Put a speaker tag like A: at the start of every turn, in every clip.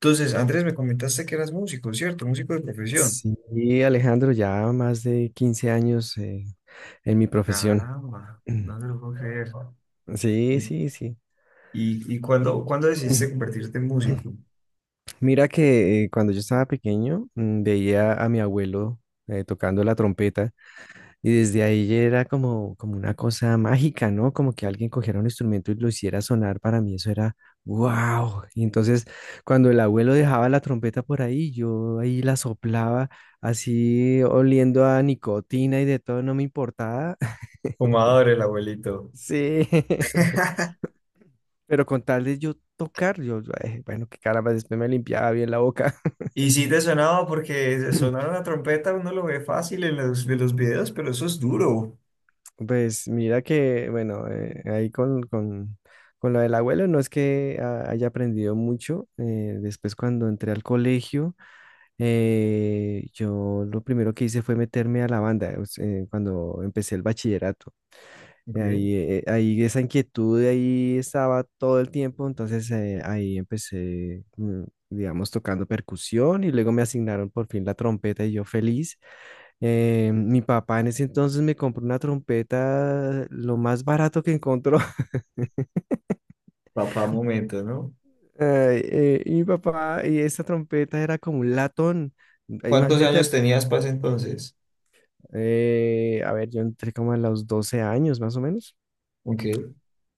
A: Entonces, Andrés, me comentaste que eras músico, ¿cierto? Músico de profesión.
B: Sí, Alejandro, ya más de 15 años en mi profesión.
A: Caramba, no te lo puedo creer.
B: Sí,
A: ¿Y,
B: sí, sí.
A: y cuándo decidiste convertirte en músico?
B: Mira que cuando yo estaba pequeño veía a mi abuelo tocando la trompeta y desde ahí ya era como una cosa mágica, ¿no? Como que alguien cogiera un instrumento y lo hiciera sonar, para mí eso era wow. Y entonces cuando el abuelo dejaba la trompeta por ahí, yo ahí la soplaba así oliendo a nicotina y de todo, no me importaba.
A: Fumador el abuelito.
B: Sí, pero con tal de yo tocar, bueno, qué caramba, después me limpiaba bien la boca.
A: Y sí te sonaba porque sonar una trompeta uno lo ve fácil en los videos, pero eso es duro.
B: Pues mira que, bueno, ahí con lo del abuelo, no es que haya aprendido mucho. Después cuando entré al colegio, yo lo primero que hice fue meterme a la banda, o sea, cuando empecé el bachillerato. Ahí,
A: Ok.
B: eh, ahí esa inquietud ahí estaba todo el tiempo, entonces ahí empecé, digamos, tocando percusión y luego me asignaron por fin la trompeta y yo feliz. Mi papá en ese entonces me compró una trompeta lo más barato que encontró.
A: Papá, momento, ¿no?
B: Y mi papá, y esa trompeta era como un latón.
A: ¿Cuántos
B: Imagínate,
A: años tenías para ese entonces?
B: a ver, yo entré como a los 12 años más o menos.
A: Ok,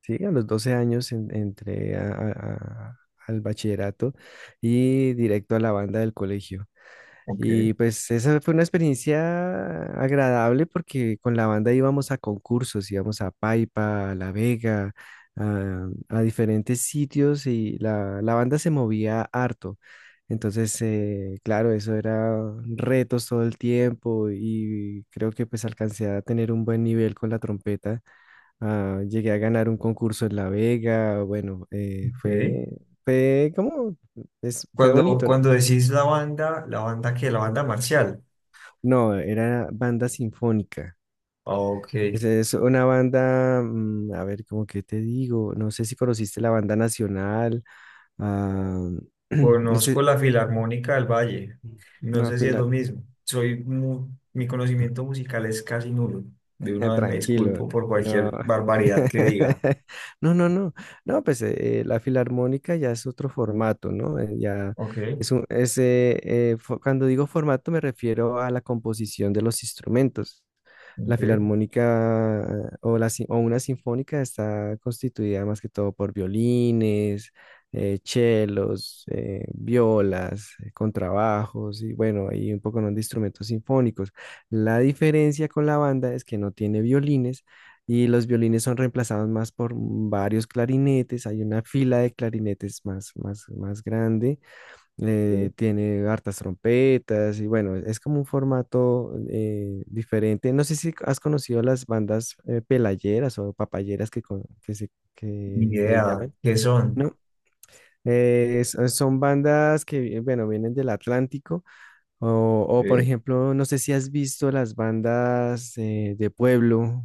B: Sí, a los 12 años entré al bachillerato y directo a la banda del colegio.
A: ok,
B: Y pues esa fue una experiencia agradable porque con la banda íbamos a concursos, íbamos a Paipa, a La Vega, a diferentes sitios y la banda se movía harto. Entonces, claro, eso era retos todo el tiempo y creo que pues alcancé a tener un buen nivel con la trompeta. Ah, llegué a ganar un concurso en La Vega,
A: ok.
B: fue como, fue
A: Cuando,
B: bonito.
A: cuando decís la banda que, la banda marcial.
B: No, era banda sinfónica.
A: Ah, ok.
B: Es una banda, a ver, cómo que te digo, no sé si conociste la banda nacional, ah, no
A: Conozco
B: sé,
A: la Filarmónica del Valle. No
B: no,
A: sé si es lo mismo. Soy mi conocimiento musical es casi nulo. De una vez me
B: tranquilo,
A: disculpo por
B: no.
A: cualquier barbaridad que diga.
B: No, no, no. No, pues la filarmónica ya es otro formato, ¿no? Ya
A: Ok,
B: es un, es, fo- Cuando digo formato me refiero a la composición de los instrumentos. La
A: ok.
B: filarmónica o, la, sin- o una sinfónica está constituida más que todo por violines, chelos, violas, contrabajos y bueno, hay un poco ¿no? de instrumentos sinfónicos. La diferencia con la banda es que no tiene violines y los violines son reemplazados más por varios clarinetes. Hay una fila de clarinetes más grande.
A: Sí.
B: Eh, tiene hartas trompetas y bueno, es como un formato diferente. No sé si has conocido las bandas pelayeras o papayeras que, con- que, se,
A: Ni
B: que le
A: idea.
B: llaman,
A: ¿Qué son?
B: ¿no? Son bandas que, bueno, vienen del Atlántico por
A: ¿Eh?
B: ejemplo, no sé si has visto las bandas de pueblo.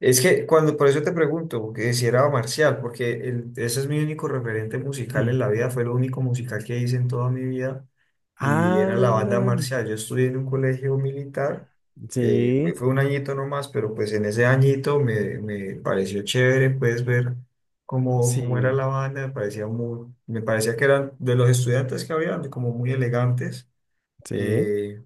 A: Es que cuando, por eso te pregunto, que si era marcial, porque ese es mi único referente musical en la vida, fue lo único musical que hice en toda mi vida y era
B: Ah,
A: la banda marcial. Yo estudié en un colegio militar,
B: sí,
A: fue un añito nomás, pero pues en ese añito me pareció chévere, puedes ver cómo era
B: sí,
A: la banda, me parecía muy, me parecía que eran de los estudiantes que habían, como muy elegantes.
B: sí.
A: eh,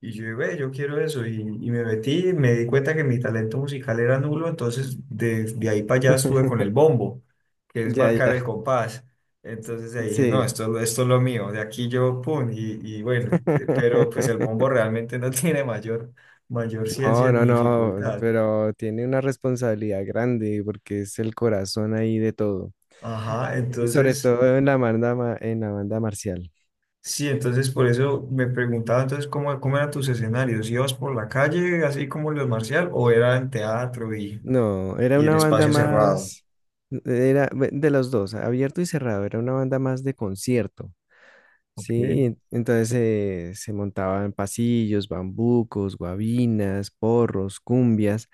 A: y yo, ve, yo quiero eso. Y me metí, me di cuenta que mi talento musical era nulo, entonces de ahí para allá estuve con el bombo, que es
B: Ya,
A: marcar el
B: ya,
A: compás. Entonces ahí dije, no,
B: sí.
A: esto es lo mío, de aquí yo, pum, y bueno, pero pues el bombo realmente no tiene mayor, mayor ciencia
B: No, no,
A: ni
B: no,
A: dificultad.
B: pero tiene una responsabilidad grande porque es el corazón ahí de todo.
A: Ajá,
B: Sobre
A: entonces,
B: todo en la en la banda marcial.
A: sí, entonces por eso me preguntaba entonces cómo eran tus escenarios, ¿ibas por la calle así como los marcial o era en teatro
B: No, era
A: y en
B: una banda
A: espacio cerrado?
B: más, era de los dos, abierto y cerrado, era una banda más de concierto. Sí,
A: Ok.
B: entonces se montaban pasillos, bambucos, guabinas, porros, cumbias,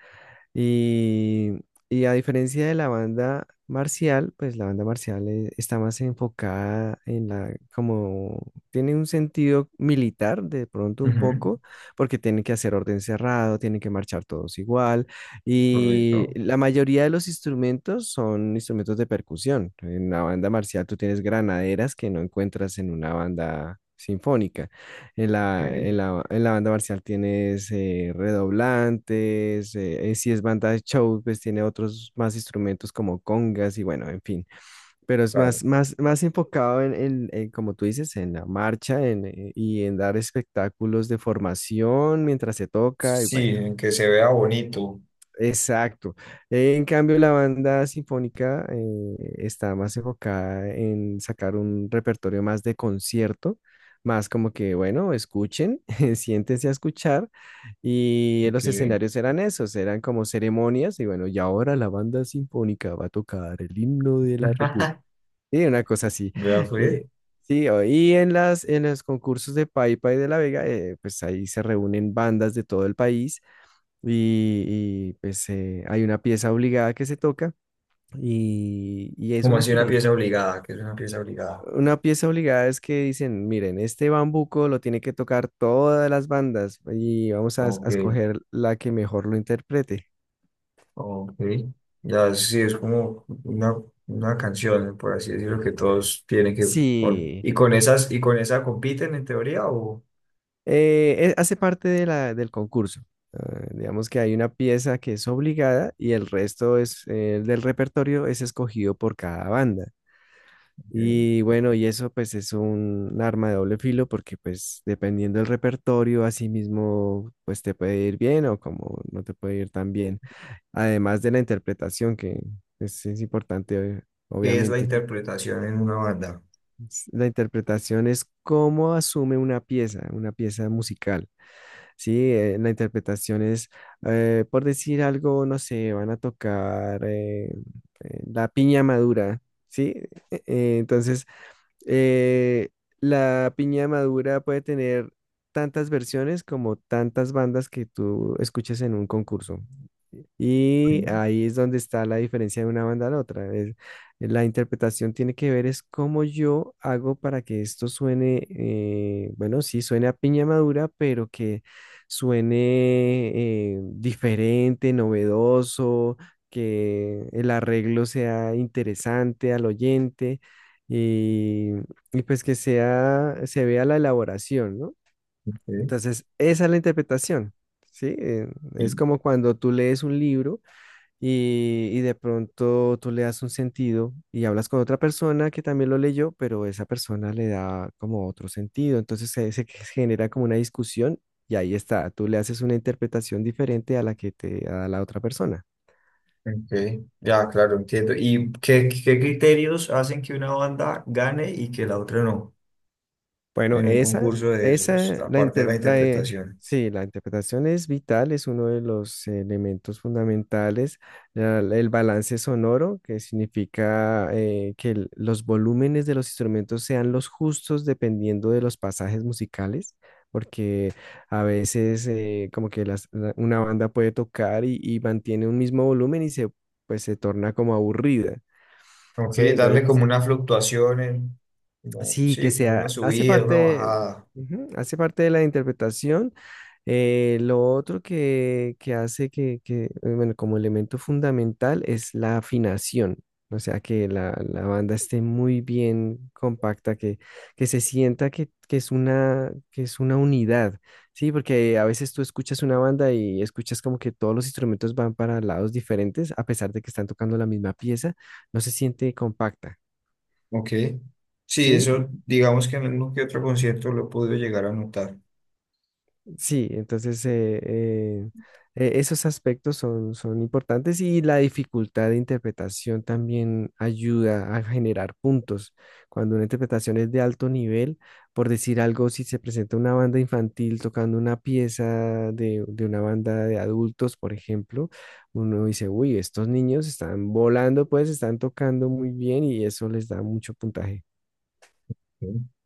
B: y, y a diferencia de la banda marcial, pues la banda marcial está más enfocada en la, como tiene un sentido militar de pronto un
A: Ujú.
B: poco, porque tienen que hacer orden cerrado, tienen que marchar todos igual. Y
A: Correcto.
B: la mayoría de los instrumentos son instrumentos de percusión. En la banda marcial tú tienes granaderas que no encuentras en una banda sinfónica. En la,
A: Ok.
B: en la, en la banda marcial tienes redoblantes, si es banda de show, pues tiene otros más instrumentos como congas y bueno, en fin, pero es
A: Vale.
B: más enfocado en, en, como tú dices, en la marcha en, y en dar espectáculos de formación mientras se toca y
A: Sí,
B: bueno.
A: en que se vea bonito.
B: Exacto. En cambio, la banda sinfónica está más enfocada en sacar un repertorio más de concierto, más como que, bueno, escuchen, siéntense a escuchar. Y los
A: Que
B: escenarios eran esos, eran como ceremonias. Y bueno, y ahora la banda sinfónica va a tocar el himno de la República. Y una cosa así.
A: vea, fue
B: Eh, Sí, y en las, en los concursos de Paipa y de La Vega, pues ahí se reúnen bandas de todo el país y, y, pues hay una pieza obligada que se toca y es
A: como
B: una
A: así una pieza
B: experiencia.
A: obligada, que es una pieza obligada.
B: Una pieza obligada es que dicen, miren, este bambuco lo tiene que tocar todas las bandas y vamos a, a
A: Ok,
B: escoger la que mejor lo interprete.
A: ok. Ya sí, es como una canción, por así decirlo, que todos tienen que con
B: Sí,
A: y con esas y con esa compiten en teoría o
B: hace parte de la, del concurso. Ah, digamos que hay una pieza que es obligada y el resto es, del repertorio es escogido por cada banda.
A: ok.
B: Y bueno, y eso pues es un arma de doble filo porque pues dependiendo del repertorio, así mismo pues te puede ir bien o como no te puede ir tan bien. Además de la interpretación, que es importante,
A: ¿Qué es la
B: obviamente.
A: interpretación en una banda?
B: La interpretación es cómo asume una pieza musical, ¿sí? La interpretación es, por decir algo, no sé, van a tocar la piña madura, ¿sí? Eh, eh, entonces... Eh, la piña madura puede tener tantas versiones como tantas bandas que tú escuches en un concurso. Y
A: Ok,
B: ahí es donde está la diferencia de una banda a la otra. La interpretación tiene que ver es cómo yo hago para que esto suene, bueno, sí, suene a piña madura, pero que suene diferente, novedoso, que el arreglo sea interesante al oyente y, y pues que sea, se vea la elaboración, ¿no? Entonces, esa es la interpretación, ¿sí? Es
A: ok.
B: como cuando tú lees un libro y de pronto tú le das un sentido y hablas con otra persona que también lo leyó, pero esa persona le da como otro sentido. Entonces se genera como una discusión y ahí está, tú le haces una interpretación diferente a la que te da la otra persona.
A: Ok, ya, claro, entiendo. ¿Y qué criterios hacen que una banda gane y que la otra no
B: Bueno,
A: en un
B: esa,
A: concurso de esos,
B: esa, la,
A: aparte de
B: inter-
A: la
B: la,
A: interpretación?
B: sí, la interpretación es vital, es uno de los elementos fundamentales. El balance sonoro, que significa que los volúmenes de los instrumentos sean los justos dependiendo de los pasajes musicales, porque a veces como que una banda puede tocar y mantiene un mismo volumen y se, pues, se torna como aburrida,
A: Ok,
B: ¿sí?
A: darle como
B: Entonces
A: una fluctuación, como,
B: sí, que
A: sí, como una
B: sea, hace
A: subida, una
B: parte,
A: bajada.
B: ujú, hace parte de la interpretación. Lo otro que, bueno, como elemento fundamental es la afinación, o sea, que la banda esté muy bien compacta, que se sienta que es una unidad, ¿sí? Porque a veces tú escuchas una banda y escuchas como que todos los instrumentos van para lados diferentes, a pesar de que están tocando la misma pieza, no se siente compacta.
A: Ok, sí,
B: ¿Sí?
A: eso digamos que en uno que otro concierto lo he podido llegar a notar.
B: Sí, entonces esos aspectos son, son importantes y la dificultad de interpretación también ayuda a generar puntos. Cuando una interpretación es de alto nivel, por decir algo, si se presenta una banda infantil tocando una pieza de una banda de adultos, por ejemplo, uno dice, uy, estos niños están volando, pues están tocando muy bien y eso les da mucho puntaje.
A: Ok,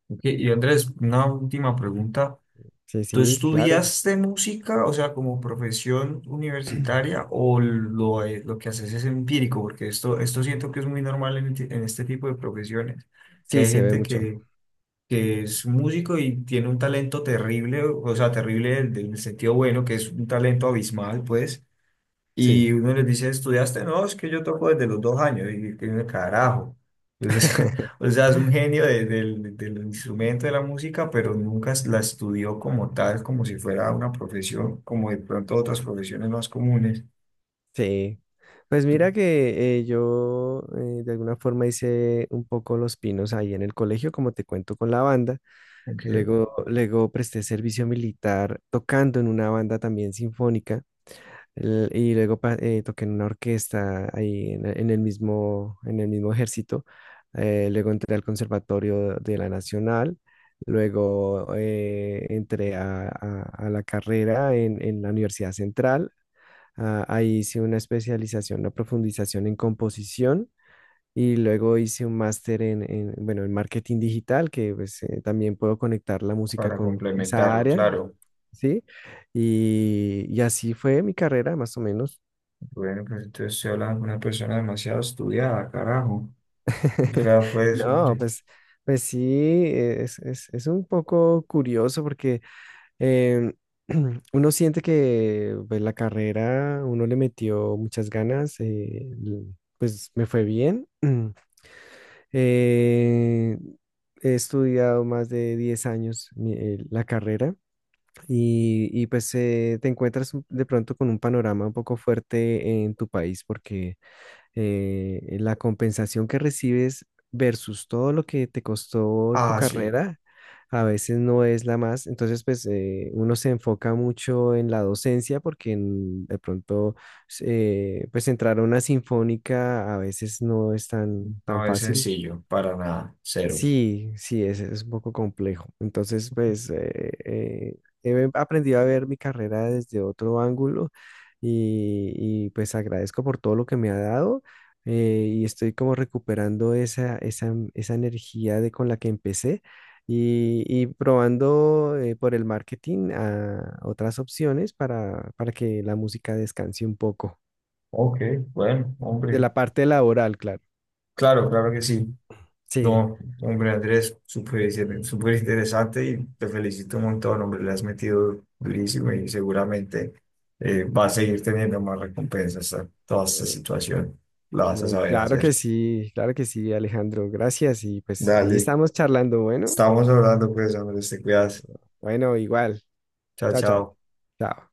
A: ok, y Andrés, una última pregunta.
B: Sí,
A: ¿Tú
B: sí, claro.
A: estudiaste música, o sea, como profesión universitaria, o lo que haces es empírico? Porque esto siento que es muy normal en, en este tipo de profesiones, que
B: Sí,
A: hay
B: se ve
A: gente
B: mucho.
A: que es músico y tiene un talento terrible, o sea, terrible en el sentido bueno, que es un talento abismal, pues,
B: Sí.
A: y uno les dice, ¿estudiaste? No, es que yo toco desde los 2 años. Y que uno, carajo. Entonces, o sea, es un genio del instrumento de la música, pero nunca la estudió como tal, como si fuera una profesión, como de pronto otras profesiones más comunes.
B: Sí, pues mira que yo de alguna forma hice un poco los pinos ahí en el colegio, como te cuento con la banda.
A: Aunque
B: Luego presté servicio militar tocando en una banda también sinfónica. Y luego toqué en una orquesta ahí en el mismo ejército. Luego entré al Conservatorio de la Nacional. Luego entré a la carrera en la Universidad Central. Ah, ahí hice una especialización, una profundización en composición y luego hice un máster en, bueno, en marketing digital, que pues, también puedo conectar la música
A: para
B: con esa
A: complementarlo,
B: área,
A: claro.
B: ¿sí? Y así fue mi carrera, más o menos.
A: Bueno, pues entonces estoy hablando con una persona demasiado estudiada, carajo. O sea, fue eso,
B: No,
A: hombre.
B: pues, pues sí, es un poco curioso porque em, uno siente que pues, la carrera, uno le metió muchas ganas, pues me fue bien. Eh, he estudiado más de 10 años la carrera y, pues te encuentras de pronto con un panorama un poco fuerte en tu país porque la compensación que recibes versus todo lo que te costó tu
A: Ah, sí.
B: carrera a veces no es la más. Entonces pues uno se enfoca mucho en la docencia porque de pronto pues entrar a una sinfónica a veces no es tan, tan
A: No es
B: fácil.
A: sencillo, para nada, cero.
B: Sí, sí, es un poco complejo. Entonces, pues, he aprendido a ver mi carrera desde otro ángulo y, y, pues agradezco por todo lo que me ha dado y estoy como recuperando esa energía de con la que empecé y probando por el marketing a otras opciones para que la música descanse un poco
A: Ok, bueno,
B: de
A: hombre.
B: la parte laboral, claro.
A: Claro, claro que sí.
B: Sí.
A: No, hombre Andrés, súper súper interesante y te felicito un montón, hombre, le has metido durísimo y seguramente va a seguir teniendo más recompensas a toda esta situación, la vas a
B: Mm,
A: saber
B: claro que
A: hacer.
B: sí, claro que sí, Alejandro. Gracias. Y pues ahí
A: Dale,
B: estamos charlando. Bueno,
A: estamos hablando pues, Andrés, te cuidas,
B: bueno, igual.
A: chao,
B: Chao, chao.
A: chao.
B: Chao.